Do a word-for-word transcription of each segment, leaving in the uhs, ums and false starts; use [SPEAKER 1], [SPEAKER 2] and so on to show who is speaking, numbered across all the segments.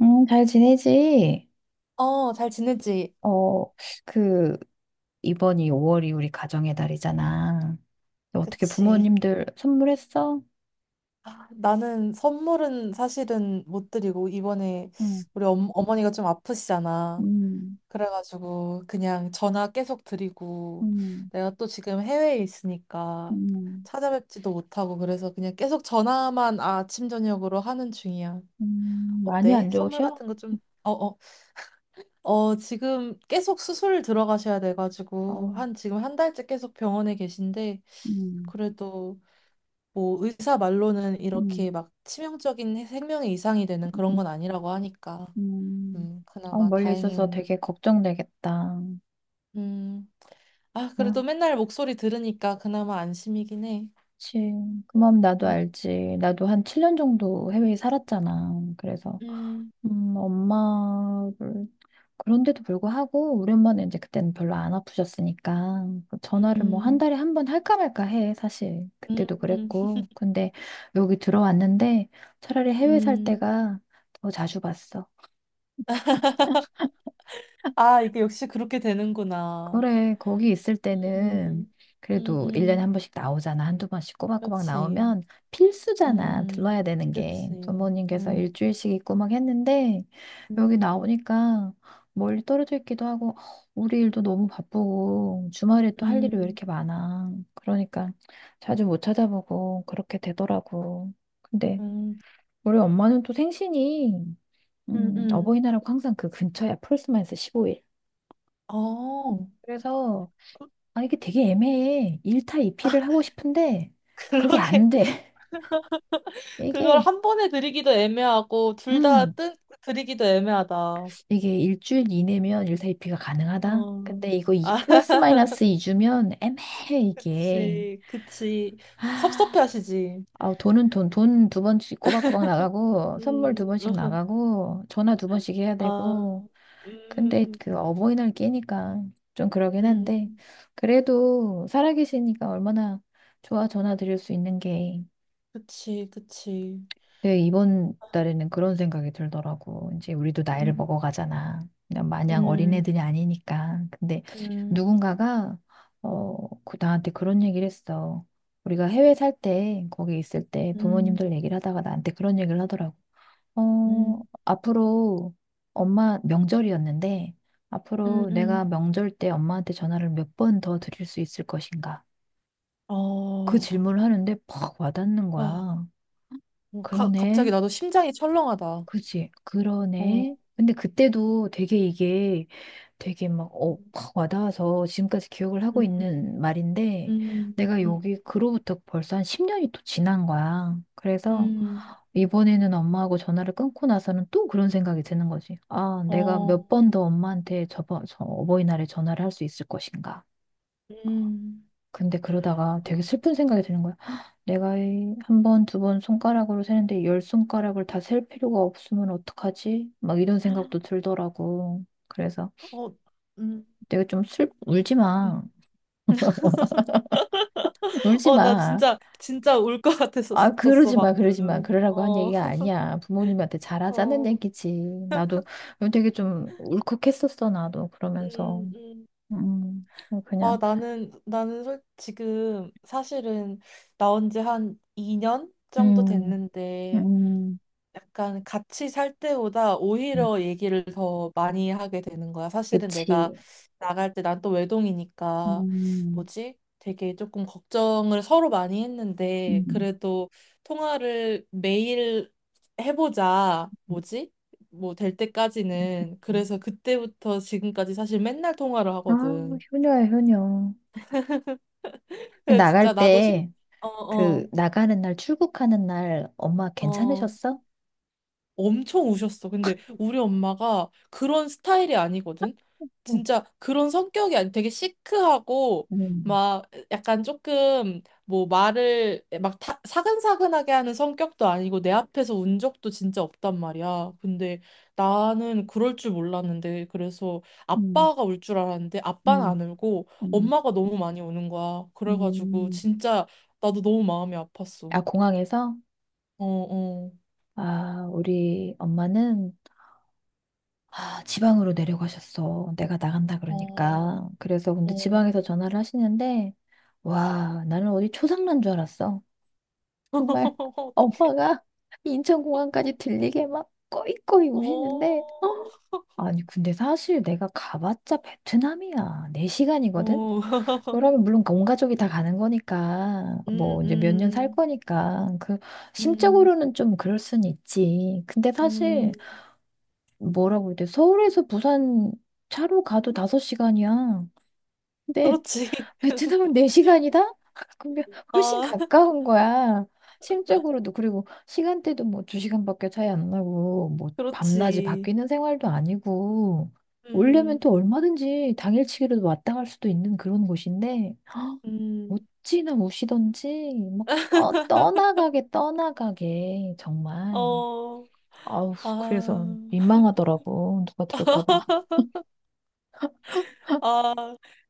[SPEAKER 1] 음, 잘 지내지?
[SPEAKER 2] 어, 잘 지내지?
[SPEAKER 1] 어, 그, 이번이 오월이 우리 가정의 달이잖아. 어떻게
[SPEAKER 2] 그치.
[SPEAKER 1] 부모님들 선물했어?
[SPEAKER 2] 아, 나는 선물은 사실은 못 드리고, 이번에
[SPEAKER 1] 응,
[SPEAKER 2] 우리 엄, 어머니가 좀 아프시잖아.
[SPEAKER 1] 음,
[SPEAKER 2] 그래가지고, 그냥 전화 계속 드리고,
[SPEAKER 1] 응,
[SPEAKER 2] 내가 또 지금 해외에 있으니까
[SPEAKER 1] 응.
[SPEAKER 2] 찾아뵙지도 못하고, 그래서 그냥 계속 전화만 아침, 저녁으로 하는 중이야.
[SPEAKER 1] 음, 많이
[SPEAKER 2] 어때?
[SPEAKER 1] 안
[SPEAKER 2] 선물
[SPEAKER 1] 좋으셔?
[SPEAKER 2] 같은 거 좀, 어, 어, 어, 지금 계속 수술 들어가셔야
[SPEAKER 1] 어,
[SPEAKER 2] 돼가지고, 한, 지금 한 달째 계속 병원에 계신데,
[SPEAKER 1] 응,
[SPEAKER 2] 그래도 뭐 의사 말로는
[SPEAKER 1] 응,
[SPEAKER 2] 이렇게 막 치명적인 생명의 이상이 되는 그런
[SPEAKER 1] 음.
[SPEAKER 2] 건 아니라고 하니까
[SPEAKER 1] 응.
[SPEAKER 2] 음
[SPEAKER 1] 아,
[SPEAKER 2] 그나마
[SPEAKER 1] 멀리 있어서
[SPEAKER 2] 다행인.
[SPEAKER 1] 되게 걱정되겠다.
[SPEAKER 2] 음 아 그래도
[SPEAKER 1] 아,
[SPEAKER 2] 맨날 목소리 들으니까 그나마 안심이긴 해.
[SPEAKER 1] 그치. 그 마음 나도
[SPEAKER 2] 음,
[SPEAKER 1] 알지. 나도 한 칠 년 정도 해외에 살았잖아. 그래서.
[SPEAKER 2] 음,
[SPEAKER 1] 음, 엄마를 그런데도 불구하고 우리 엄마는 이제 그때는 별로 안 아프셨으니까 그 전화를 뭐 한
[SPEAKER 2] 음,
[SPEAKER 1] 달에 한 번 할까 말까 해 사실
[SPEAKER 2] 음,
[SPEAKER 1] 그때도
[SPEAKER 2] 음.
[SPEAKER 1] 그랬고, 근데 여기 들어왔는데 차라리 해외 살
[SPEAKER 2] 음.
[SPEAKER 1] 때가 더 자주 봤어.
[SPEAKER 2] 아, 이게 역시 그렇게 되는구나.
[SPEAKER 1] 그래, 거기 있을 때는
[SPEAKER 2] 음, 음,
[SPEAKER 1] 그래도 일 년에
[SPEAKER 2] 음.
[SPEAKER 1] 한 번씩 나오잖아. 한두 번씩 꼬박꼬박
[SPEAKER 2] 그치.
[SPEAKER 1] 나오면 필수잖아.
[SPEAKER 2] 음,
[SPEAKER 1] 들러야 되는 게.
[SPEAKER 2] 그치.
[SPEAKER 1] 부모님께서
[SPEAKER 2] 음,
[SPEAKER 1] 일주일씩 있고막 했는데, 여기
[SPEAKER 2] 음,
[SPEAKER 1] 나오니까 멀리 떨어져 있기도 하고, 어, 우리 일도 너무 바쁘고, 주말에 또 할 일이 왜
[SPEAKER 2] 음,
[SPEAKER 1] 이렇게 많아. 그러니까 자주 못 찾아보고 그렇게 되더라고. 근데
[SPEAKER 2] 음,
[SPEAKER 1] 우리 엄마는 또 생신이
[SPEAKER 2] 음.
[SPEAKER 1] 음,
[SPEAKER 2] 음.
[SPEAKER 1] 어버이날하고 항상 그 근처야. 폴스만에서 십오 일.
[SPEAKER 2] 어,
[SPEAKER 1] 그래서
[SPEAKER 2] 그-
[SPEAKER 1] 아, 이게 되게 애매해. 일 타 이 피를 하고 싶은데, 그게
[SPEAKER 2] 그러게.
[SPEAKER 1] 안 돼.
[SPEAKER 2] 그걸
[SPEAKER 1] 이게,
[SPEAKER 2] 한 번에 드리기도 애매하고, 둘 다
[SPEAKER 1] 음,
[SPEAKER 2] 뜬, 드리기도 애매하다.
[SPEAKER 1] 이게 일주일 이내면 일 타 이 피가 가능하다?
[SPEAKER 2] 어,
[SPEAKER 1] 근데 이거 이
[SPEAKER 2] 아,
[SPEAKER 1] 플러스 마이너스 이 주면 애매해, 이게.
[SPEAKER 2] 그치, 그치. 섭섭해
[SPEAKER 1] 아,
[SPEAKER 2] 하시지.
[SPEAKER 1] 아우, 돈은 돈, 돈 두 번씩 꼬박꼬박 나가고, 선물 두
[SPEAKER 2] 음,
[SPEAKER 1] 번씩 나가고, 전화 두 번씩 해야
[SPEAKER 2] 아,
[SPEAKER 1] 되고. 근데
[SPEAKER 2] 음,
[SPEAKER 1] 그 어버이날 끼니까 좀 그러긴 한데,
[SPEAKER 2] 음,
[SPEAKER 1] 그래도 살아계시니까 얼마나 좋아, 전화 드릴 수 있는 게.
[SPEAKER 2] 그치, 그치.
[SPEAKER 1] 네, 이번 달에는 그런 생각이 들더라고. 이제 우리도 나이를
[SPEAKER 2] 음,
[SPEAKER 1] 먹어가잖아. 그냥 마냥
[SPEAKER 2] 음,
[SPEAKER 1] 어린애들이 아니니까. 근데
[SPEAKER 2] 음,
[SPEAKER 1] 누군가가, 어, 그- 나한테 그런 얘기를 했어. 우리가 해외 살 때, 거기 있을 때
[SPEAKER 2] 음,
[SPEAKER 1] 부모님들 얘기를 하다가 나한테 그런 얘기를 하더라고. 어,
[SPEAKER 2] 음,
[SPEAKER 1] 앞으로 엄마 명절이었는데,
[SPEAKER 2] 음,
[SPEAKER 1] 앞으로 내가
[SPEAKER 2] 음.
[SPEAKER 1] 명절 때 엄마한테 전화를 몇 번 더 드릴 수 있을 것인가?
[SPEAKER 2] 어,
[SPEAKER 1] 그
[SPEAKER 2] 어,
[SPEAKER 1] 질문을 하는데 퍽 와닿는 거야.
[SPEAKER 2] 어, 가, 갑자기
[SPEAKER 1] 그러네.
[SPEAKER 2] 나도 심장이 철렁하다.
[SPEAKER 1] 그치,
[SPEAKER 2] 어,
[SPEAKER 1] 그러네. 근데 그때도 되게 이게 되게 막, 어,
[SPEAKER 2] 음,
[SPEAKER 1] 확 와닿아서 지금까지 기억을 하고
[SPEAKER 2] 음,
[SPEAKER 1] 있는 말인데,
[SPEAKER 2] 음,
[SPEAKER 1] 내가
[SPEAKER 2] 음,
[SPEAKER 1] 여기 그로부터 벌써 한 십 년이 또 지난 거야. 그래서
[SPEAKER 2] 음,
[SPEAKER 1] 이번에는 엄마하고 전화를 끊고 나서는 또 그런 생각이 드는 거지. 아, 내가 몇
[SPEAKER 2] 어,
[SPEAKER 1] 번 더 엄마한테 저번, 저 어버이날에 전화를 할 수 있을 것인가.
[SPEAKER 2] 음.
[SPEAKER 1] 근데 그러다가 되게 슬픈 생각이 드는 거야. "헉, 내가 이 한 번, 두 번 손가락으로 세는데 열 손가락을 다 셀 필요가 없으면 어떡하지?" 막 이런 생각도 들더라고. 그래서
[SPEAKER 2] 어, 음,
[SPEAKER 1] 내가 좀 슬, 울지
[SPEAKER 2] 음.
[SPEAKER 1] 마. 울지
[SPEAKER 2] 어, 나
[SPEAKER 1] 마.
[SPEAKER 2] 진짜, 진짜 울 것
[SPEAKER 1] 아,
[SPEAKER 2] 같았었어,
[SPEAKER 1] 그러지 마, 그러지 마.
[SPEAKER 2] 방금.
[SPEAKER 1] 그러라고 한
[SPEAKER 2] 어,
[SPEAKER 1] 얘기가 아니야. 부모님한테 잘하자는
[SPEAKER 2] 어,
[SPEAKER 1] 얘기지. 나도 되게 좀 울컥했었어, 나도. 그러면서.
[SPEAKER 2] 음, 음.
[SPEAKER 1] 음,
[SPEAKER 2] 아,
[SPEAKER 1] 그냥,
[SPEAKER 2] 나는, 나는 솔, 지금 사실은 나온 지 한 이 년 정도
[SPEAKER 1] 음,
[SPEAKER 2] 됐는데,
[SPEAKER 1] 음,
[SPEAKER 2] 약간 같이 살 때보다 오히려 얘기를 더 많이 하게 되는 거야. 사실은 내가
[SPEAKER 1] 그치.
[SPEAKER 2] 나갈 때 난 또 외동이니까
[SPEAKER 1] 음,
[SPEAKER 2] 뭐지? 되게 조금 걱정을 서로 많이 했는데
[SPEAKER 1] 음,
[SPEAKER 2] 그래도 통화를 매일 해보자. 뭐지? 뭐 될 때까지는.
[SPEAKER 1] 음.
[SPEAKER 2] 그래서 그때부터 지금까지 사실 맨날 통화를
[SPEAKER 1] 아,
[SPEAKER 2] 하거든.
[SPEAKER 1] 효녀야, 효녀. 그
[SPEAKER 2] 그래 진짜
[SPEAKER 1] 나갈
[SPEAKER 2] 나도 심...
[SPEAKER 1] 때,
[SPEAKER 2] 어,
[SPEAKER 1] 그,
[SPEAKER 2] 어,
[SPEAKER 1] 나가는 날, 출국하는 날, 엄마
[SPEAKER 2] 어.
[SPEAKER 1] 괜찮으셨어?
[SPEAKER 2] 엄청 우셨어. 근데 우리 엄마가 그런 스타일이 아니거든.
[SPEAKER 1] 응.
[SPEAKER 2] 진짜 그런 성격이 아니 되게 시크하고
[SPEAKER 1] 음,
[SPEAKER 2] 막 약간 조금 뭐 말을 막 타- 사근사근하게 하는 성격도 아니고 내 앞에서 운 적도 진짜 없단 말이야. 근데 나는 그럴 줄 몰랐는데 그래서
[SPEAKER 1] 음,
[SPEAKER 2] 아빠가 울 줄 알았는데 아빠는
[SPEAKER 1] 음,
[SPEAKER 2] 안 울고
[SPEAKER 1] 음,
[SPEAKER 2] 엄마가 너무 많이 우는 거야. 그래가지고
[SPEAKER 1] 음.
[SPEAKER 2] 진짜 나도 너무 마음이 아팠어.
[SPEAKER 1] 아, 공항에서?
[SPEAKER 2] 어, 어,
[SPEAKER 1] 아, 우리 엄마는, 아, 지방으로 내려가셨어. 내가 나간다
[SPEAKER 2] 어,
[SPEAKER 1] 그러니까. 그래서 근데
[SPEAKER 2] 어.
[SPEAKER 1] 지방에서 전화를 하시는데, 와, 나는 어디 초상난 줄 알았어. 정말
[SPEAKER 2] 어떡해.
[SPEAKER 1] 엄마가 인천공항까지 들리게 막 꺼이꺼이 우시는데,
[SPEAKER 2] 어,
[SPEAKER 1] 아니, 근데 사실 내가 가봤자 베트남이야. 네 시간이거든?
[SPEAKER 2] 어,
[SPEAKER 1] 그러면 물론 온 가족이 다 가는 거니까,
[SPEAKER 2] 음,
[SPEAKER 1] 뭐 이제 몇 년 살
[SPEAKER 2] 음,
[SPEAKER 1] 거니까, 그,
[SPEAKER 2] 음,
[SPEAKER 1] 심적으로는 좀 그럴 순 있지. 근데 사실,
[SPEAKER 2] 음,
[SPEAKER 1] 뭐라고 해야 돼? 서울에서 부산 차로 가도 다섯 시간이야. 근데
[SPEAKER 2] 그렇지.
[SPEAKER 1] 베트남은 네 시간이다? 그럼 훨씬
[SPEAKER 2] 아,
[SPEAKER 1] 가까운 거야. 심적으로도, 그리고 시간대도 뭐 두 시간밖에 차이 안 나고, 뭐 밤낮이
[SPEAKER 2] 그렇지.
[SPEAKER 1] 바뀌는 생활도 아니고, 오려면
[SPEAKER 2] 음,
[SPEAKER 1] 또 얼마든지 당일치기로도 왔다 갈 수도 있는 그런 곳인데
[SPEAKER 2] 음,
[SPEAKER 1] 어찌나 우시던지 막 떠, 떠나가게 떠나가게 정말.
[SPEAKER 2] 어,
[SPEAKER 1] 아우,
[SPEAKER 2] 아,
[SPEAKER 1] 그래서 민망하더라고, 누가 들을까 봐.
[SPEAKER 2] 아,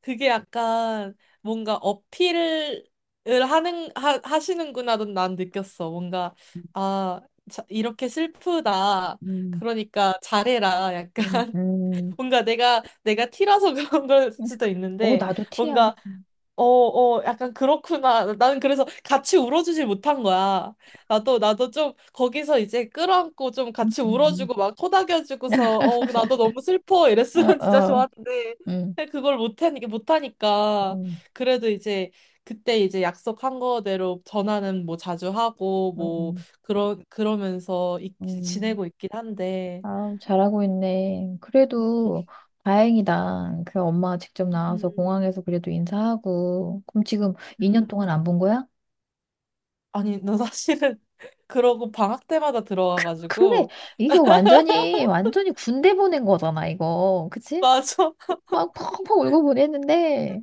[SPEAKER 2] 그게 약간 뭔가 어필을 하는, 하, 하시는구나, 난 느꼈어. 뭔가, 아, 자, 이렇게 슬프다.
[SPEAKER 1] 음,
[SPEAKER 2] 그러니까 잘해라.
[SPEAKER 1] 음,
[SPEAKER 2] 약간,
[SPEAKER 1] 음.
[SPEAKER 2] 뭔가 내가, 내가 티라서 그런 걸 수도
[SPEAKER 1] 어,
[SPEAKER 2] 있는데,
[SPEAKER 1] 나도 티야.
[SPEAKER 2] 뭔가 어, 어, 약간 그렇구나. 나는 그래서 같이 울어주질 못한 거야. 나도, 나도 좀 거기서 이제 끌어안고 좀
[SPEAKER 1] 음,
[SPEAKER 2] 같이
[SPEAKER 1] 음, 음.
[SPEAKER 2] 울어주고 막 토닥여주고서, 어, 나도 너무 슬퍼.
[SPEAKER 1] 어,
[SPEAKER 2] 이랬으면 진짜
[SPEAKER 1] 어,
[SPEAKER 2] 좋았는데.
[SPEAKER 1] 응,
[SPEAKER 2] 근데 그걸 못하니까, 못하니까.
[SPEAKER 1] 응,
[SPEAKER 2] 그래도 이제 그때 이제 약속한 거대로 전화는 뭐 자주 하고, 뭐,
[SPEAKER 1] 응,
[SPEAKER 2] 그러, 그러면서 있,
[SPEAKER 1] 응.
[SPEAKER 2] 지내고 있긴 한데.
[SPEAKER 1] 아, 잘하고 있네. 그래도 다행이다. 그 엄마가 직접 나와서
[SPEAKER 2] 음,
[SPEAKER 1] 공항에서 그래도 인사하고. 그럼 지금 이 년
[SPEAKER 2] 음.
[SPEAKER 1] 동안 안 본 거야?
[SPEAKER 2] 아니, 너 사실은 그러고 방학 때마다
[SPEAKER 1] 그래.
[SPEAKER 2] 들어와가지고.
[SPEAKER 1] 이거 완전히, 완전히 군대 보낸 거잖아, 이거. 그치?
[SPEAKER 2] 맞아.
[SPEAKER 1] 막 펑펑 울고 보냈는데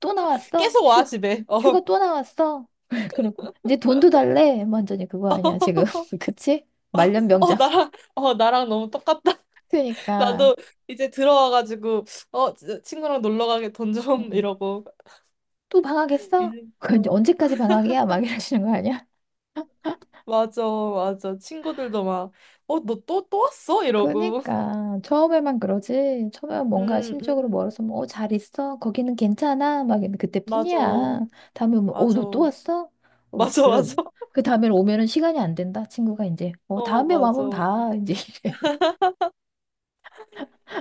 [SPEAKER 1] 또 나왔어.
[SPEAKER 2] 계속 와,
[SPEAKER 1] 휴,
[SPEAKER 2] 집에. 어.
[SPEAKER 1] 휴가 또 나왔어. 그리고 이제 돈도 달래. 완전히 그거 아니야, 지금. 그치?
[SPEAKER 2] 어, 어,
[SPEAKER 1] 말년병장.
[SPEAKER 2] 나랑, 어, 나랑 너무 똑같다.
[SPEAKER 1] 그니까
[SPEAKER 2] 나도 이제 들어와가지고, 어, 지- 친구랑 놀러 가게 돈 좀, 이러고.
[SPEAKER 1] 또 방학했어?
[SPEAKER 2] 이제,
[SPEAKER 1] 그 이제
[SPEAKER 2] 어,
[SPEAKER 1] 언제까지 방학이야? 막 이러시는 거 아니야?
[SPEAKER 2] 맞아, 맞아. 친구들도 막, 어, 너 또, 또 왔어? 이러고.
[SPEAKER 1] 그러니까 처음에만 그러지. 처음에
[SPEAKER 2] 음,
[SPEAKER 1] 뭔가 심적으로
[SPEAKER 2] 음,
[SPEAKER 1] 멀어서 뭐, 어, 잘 있어? 거기는 괜찮아? 막 이러면
[SPEAKER 2] 맞아,
[SPEAKER 1] 그때뿐이야. 다음에 오면 어,
[SPEAKER 2] 맞아.
[SPEAKER 1] 너 또 왔어? 어,
[SPEAKER 2] 맞아, 맞아.
[SPEAKER 1] 그런 그 다음에 오면은 시간이 안 된다. 친구가 이제 어,
[SPEAKER 2] 어,
[SPEAKER 1] 다음에
[SPEAKER 2] 맞아.
[SPEAKER 1] 와면 봐. 이제 이래.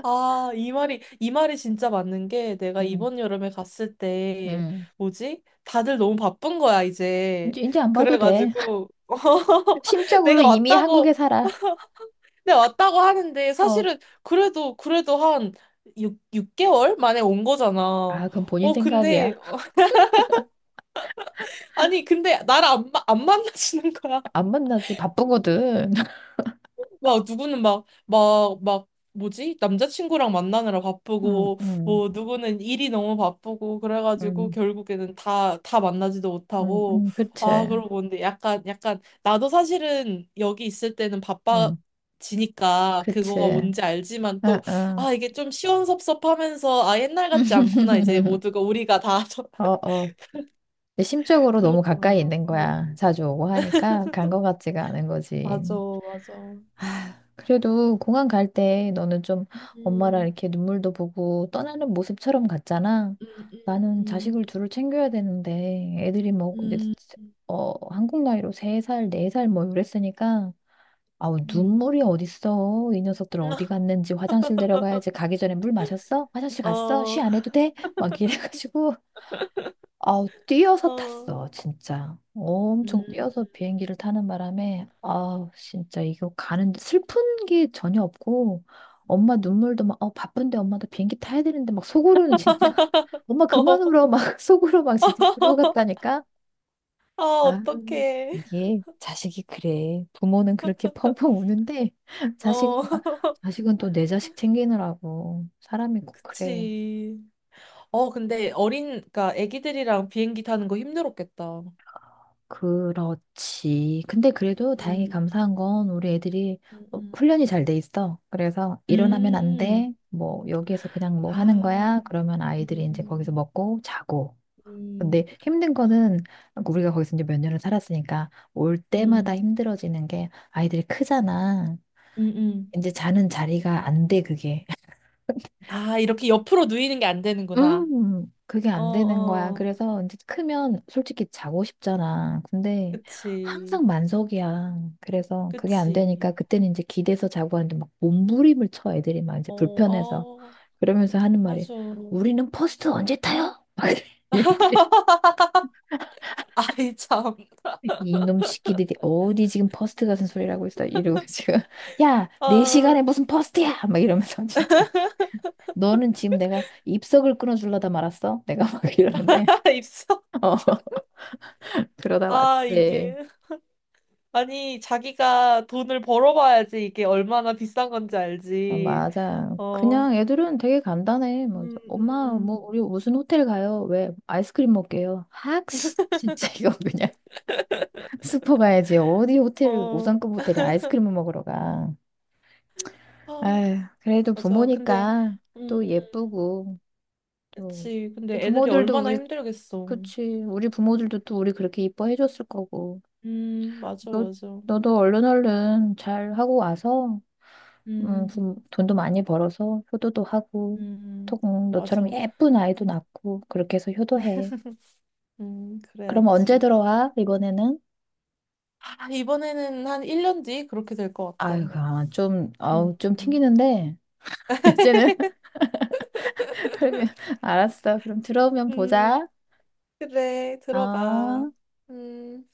[SPEAKER 2] 아, 이 말이, 이 말이 진짜 맞는 게 내가
[SPEAKER 1] 음,
[SPEAKER 2] 이번 여름에 갔을 때,
[SPEAKER 1] 음.
[SPEAKER 2] 뭐지? 다들 너무 바쁜 거야, 이제.
[SPEAKER 1] 이제 이제 안 봐도 돼.
[SPEAKER 2] 그래가지고,
[SPEAKER 1] 심적으로
[SPEAKER 2] 내가
[SPEAKER 1] 이미
[SPEAKER 2] 왔다고,
[SPEAKER 1] 한국에 살아.
[SPEAKER 2] 내가 왔다고 하는데
[SPEAKER 1] 어.
[SPEAKER 2] 사실은 그래도, 그래도 한 육, 육개월 만에 온 거잖아.
[SPEAKER 1] 아, 그건 본인
[SPEAKER 2] 어,
[SPEAKER 1] 생각이야.
[SPEAKER 2] 근데, 아니, 근데 나를 안, 마- 안 만나시는 거야.
[SPEAKER 1] 안 만나지. 바쁘거든.
[SPEAKER 2] 막 누구는 막 막 막 뭐지? 남자친구랑 만나느라
[SPEAKER 1] 음,
[SPEAKER 2] 바쁘고
[SPEAKER 1] 음,
[SPEAKER 2] 뭐 누구는 일이 너무 바쁘고 그래가지고
[SPEAKER 1] 음,
[SPEAKER 2] 결국에는 다 다 만나지도
[SPEAKER 1] 음,
[SPEAKER 2] 못하고
[SPEAKER 1] 음, 그치.
[SPEAKER 2] 아 그러고 근데 약간 약간 나도 사실은 여기 있을 때는
[SPEAKER 1] 응,
[SPEAKER 2] 바빠지니까
[SPEAKER 1] 그치.
[SPEAKER 2] 그거가
[SPEAKER 1] 응,
[SPEAKER 2] 뭔지 알지만 또
[SPEAKER 1] 응.
[SPEAKER 2] 아 이게 좀 시원섭섭하면서 아 옛날 같지 않구나 이제 모두가 우리가 다
[SPEAKER 1] 어, 어. 근데 심적으로 너무 가까이
[SPEAKER 2] 그렇더라고.
[SPEAKER 1] 있는
[SPEAKER 2] 어,
[SPEAKER 1] 거야. 자주 오고 하니까 간 거 같지가 않은 거지.
[SPEAKER 2] 맞아. 맞아.
[SPEAKER 1] 그래도 공항 갈 때 너는 좀 엄마랑
[SPEAKER 2] 음.
[SPEAKER 1] 이렇게 눈물도 보고 떠나는 모습처럼 갔잖아.
[SPEAKER 2] 음,
[SPEAKER 1] 나는
[SPEAKER 2] 음,
[SPEAKER 1] 자식을 둘을 챙겨야 되는데 애들이 뭐 이제
[SPEAKER 2] 음,
[SPEAKER 1] 어, 한국 나이로 세살네 살네살뭐 이랬으니까. 아우,
[SPEAKER 2] 음,
[SPEAKER 1] 눈물이 어딨어. 이 녀석들
[SPEAKER 2] 음.
[SPEAKER 1] 어디 갔는지, 화장실 내려가야지. 가기 전에 물 마셨어? 화장실 갔어? 쉬
[SPEAKER 2] 어,
[SPEAKER 1] 안 해도 돼? 막 이래가지고. 아우, 뛰어서
[SPEAKER 2] 어,
[SPEAKER 1] 탔어, 진짜.
[SPEAKER 2] 음,
[SPEAKER 1] 엄청 뛰어서 비행기를 타는 바람에, 아우, 진짜 이거 가는, 슬픈 게 전혀 없고, 엄마 눈물도 막, 어, 바쁜데, 엄마 도 비행기 타야 되는데. 막 속으로는 진짜, 엄마 그만
[SPEAKER 2] 어,
[SPEAKER 1] 울어, 막 속으로 막 진짜 그러고 갔다니까?
[SPEAKER 2] 아,
[SPEAKER 1] 아,
[SPEAKER 2] 어떡해.
[SPEAKER 1] 이게 자식이 그래. 부모는 그렇게 펑펑 우는데 자식은
[SPEAKER 2] 어,
[SPEAKER 1] 막- 자식은 또 내 자식 챙기느라고. 사람이 꼭 그래.
[SPEAKER 2] 그치. 어, 근데 어린, 그니까 애기들이랑 비행기 타는 거 힘들었겠다.
[SPEAKER 1] 그렇지. 근데 그래도 다행히
[SPEAKER 2] 음,
[SPEAKER 1] 감사한 건 우리 애들이
[SPEAKER 2] 음,
[SPEAKER 1] 어,
[SPEAKER 2] 음,
[SPEAKER 1] 훈련이 잘 돼 있어. 그래서 일어나면 안
[SPEAKER 2] 음.
[SPEAKER 1] 돼. 뭐 여기에서 그냥 뭐
[SPEAKER 2] 아,
[SPEAKER 1] 하는 거야.
[SPEAKER 2] 음,
[SPEAKER 1] 그러면 아이들이 이제 거기서
[SPEAKER 2] 음,
[SPEAKER 1] 먹고 자고.
[SPEAKER 2] 음,
[SPEAKER 1] 근데 힘든 거는 우리가 거기서 이제 몇 년을 살았으니까 올 때마다
[SPEAKER 2] 음,
[SPEAKER 1] 힘들어지는 게, 아이들이 크잖아.
[SPEAKER 2] 음, 음.
[SPEAKER 1] 이제 자는 자리가 안 돼, 그게.
[SPEAKER 2] 아, 이렇게 옆으로 누이는 게 안 되는구나.
[SPEAKER 1] 음, 그게
[SPEAKER 2] 어,
[SPEAKER 1] 안 되는 거야.
[SPEAKER 2] 어,
[SPEAKER 1] 그래서 이제 크면 솔직히 자고 싶잖아. 근데
[SPEAKER 2] 그치,
[SPEAKER 1] 항상 만석이야. 그래서 그게 안 되니까
[SPEAKER 2] 그치.
[SPEAKER 1] 그때는 이제 기대서 자고 하는데, 막 몸부림을 쳐 애들이, 막 이제
[SPEAKER 2] 어,
[SPEAKER 1] 불편해서.
[SPEAKER 2] 어,
[SPEAKER 1] 그러면서 하는 말이,
[SPEAKER 2] 맞아.
[SPEAKER 1] 우리는 퍼스트 언제 타요? 막 이래, 얘들이.
[SPEAKER 2] 아이, 참.
[SPEAKER 1] 이놈 새끼들이 어디 지금 퍼스트 같은 소리라고 있어 이러고 지금. 야, 내 시간에
[SPEAKER 2] 아.
[SPEAKER 1] 무슨 퍼스트야? 막 이러면서 진짜. 너는 지금 내가 입석을 끊어주려다 말았어? 내가 막 이러는데.
[SPEAKER 2] 입사?
[SPEAKER 1] 어, 그러다
[SPEAKER 2] 아,
[SPEAKER 1] 왔지.
[SPEAKER 2] 이게. 아니, 자기가 돈을 벌어봐야지 이게 얼마나 비싼 건지
[SPEAKER 1] 어,
[SPEAKER 2] 알지.
[SPEAKER 1] 맞아.
[SPEAKER 2] 어,
[SPEAKER 1] 그냥 애들은 되게 간단해. 뭐,
[SPEAKER 2] 음,
[SPEAKER 1] 엄마,
[SPEAKER 2] 음,
[SPEAKER 1] 뭐, 우리 무슨 호텔 가요? 왜? 아이스크림 먹게요. 학씨. 진짜 이거 그냥 슈퍼 가야지. 어디 호텔,
[SPEAKER 2] 어,
[SPEAKER 1] 오 성급 호텔에 아이스크림을 먹으러 가.
[SPEAKER 2] 아,
[SPEAKER 1] 아휴, 그래도
[SPEAKER 2] 맞아. 근데,
[SPEAKER 1] 부모니까
[SPEAKER 2] 음,
[SPEAKER 1] 또
[SPEAKER 2] 음,
[SPEAKER 1] 예쁘고, 또.
[SPEAKER 2] 그치.
[SPEAKER 1] 우리
[SPEAKER 2] 근데 애들이
[SPEAKER 1] 부모들도
[SPEAKER 2] 얼마나
[SPEAKER 1] 우리,
[SPEAKER 2] 힘들겠어.
[SPEAKER 1] 그치. 우리 부모들도 또 우리 그렇게 이뻐해줬을 거고.
[SPEAKER 2] 음, 맞아,
[SPEAKER 1] 너,
[SPEAKER 2] 맞아.
[SPEAKER 1] 너도 얼른 얼른 잘 하고 와서, 음,
[SPEAKER 2] 음,
[SPEAKER 1] 부- 돈도 많이 벌어서 효도도
[SPEAKER 2] 음,
[SPEAKER 1] 하고, 또
[SPEAKER 2] 음.
[SPEAKER 1] 음, 너처럼
[SPEAKER 2] 맞아.
[SPEAKER 1] 예쁜 아이도 낳고, 그렇게 해서 효도해.
[SPEAKER 2] 음,
[SPEAKER 1] 그럼 언제
[SPEAKER 2] 그래야지.
[SPEAKER 1] 들어와, 이번에는?
[SPEAKER 2] 아, 이번에는 한 일 년 뒤 그렇게 될 것 같다.
[SPEAKER 1] 아유, 아, 좀, 아우,
[SPEAKER 2] 음,
[SPEAKER 1] 좀
[SPEAKER 2] 음,
[SPEAKER 1] 튕기는데. 이제는. 그러면, 알았어. 그럼 들어오면
[SPEAKER 2] 음,
[SPEAKER 1] 보자.
[SPEAKER 2] 그래, 들어가.
[SPEAKER 1] 아.
[SPEAKER 2] 음.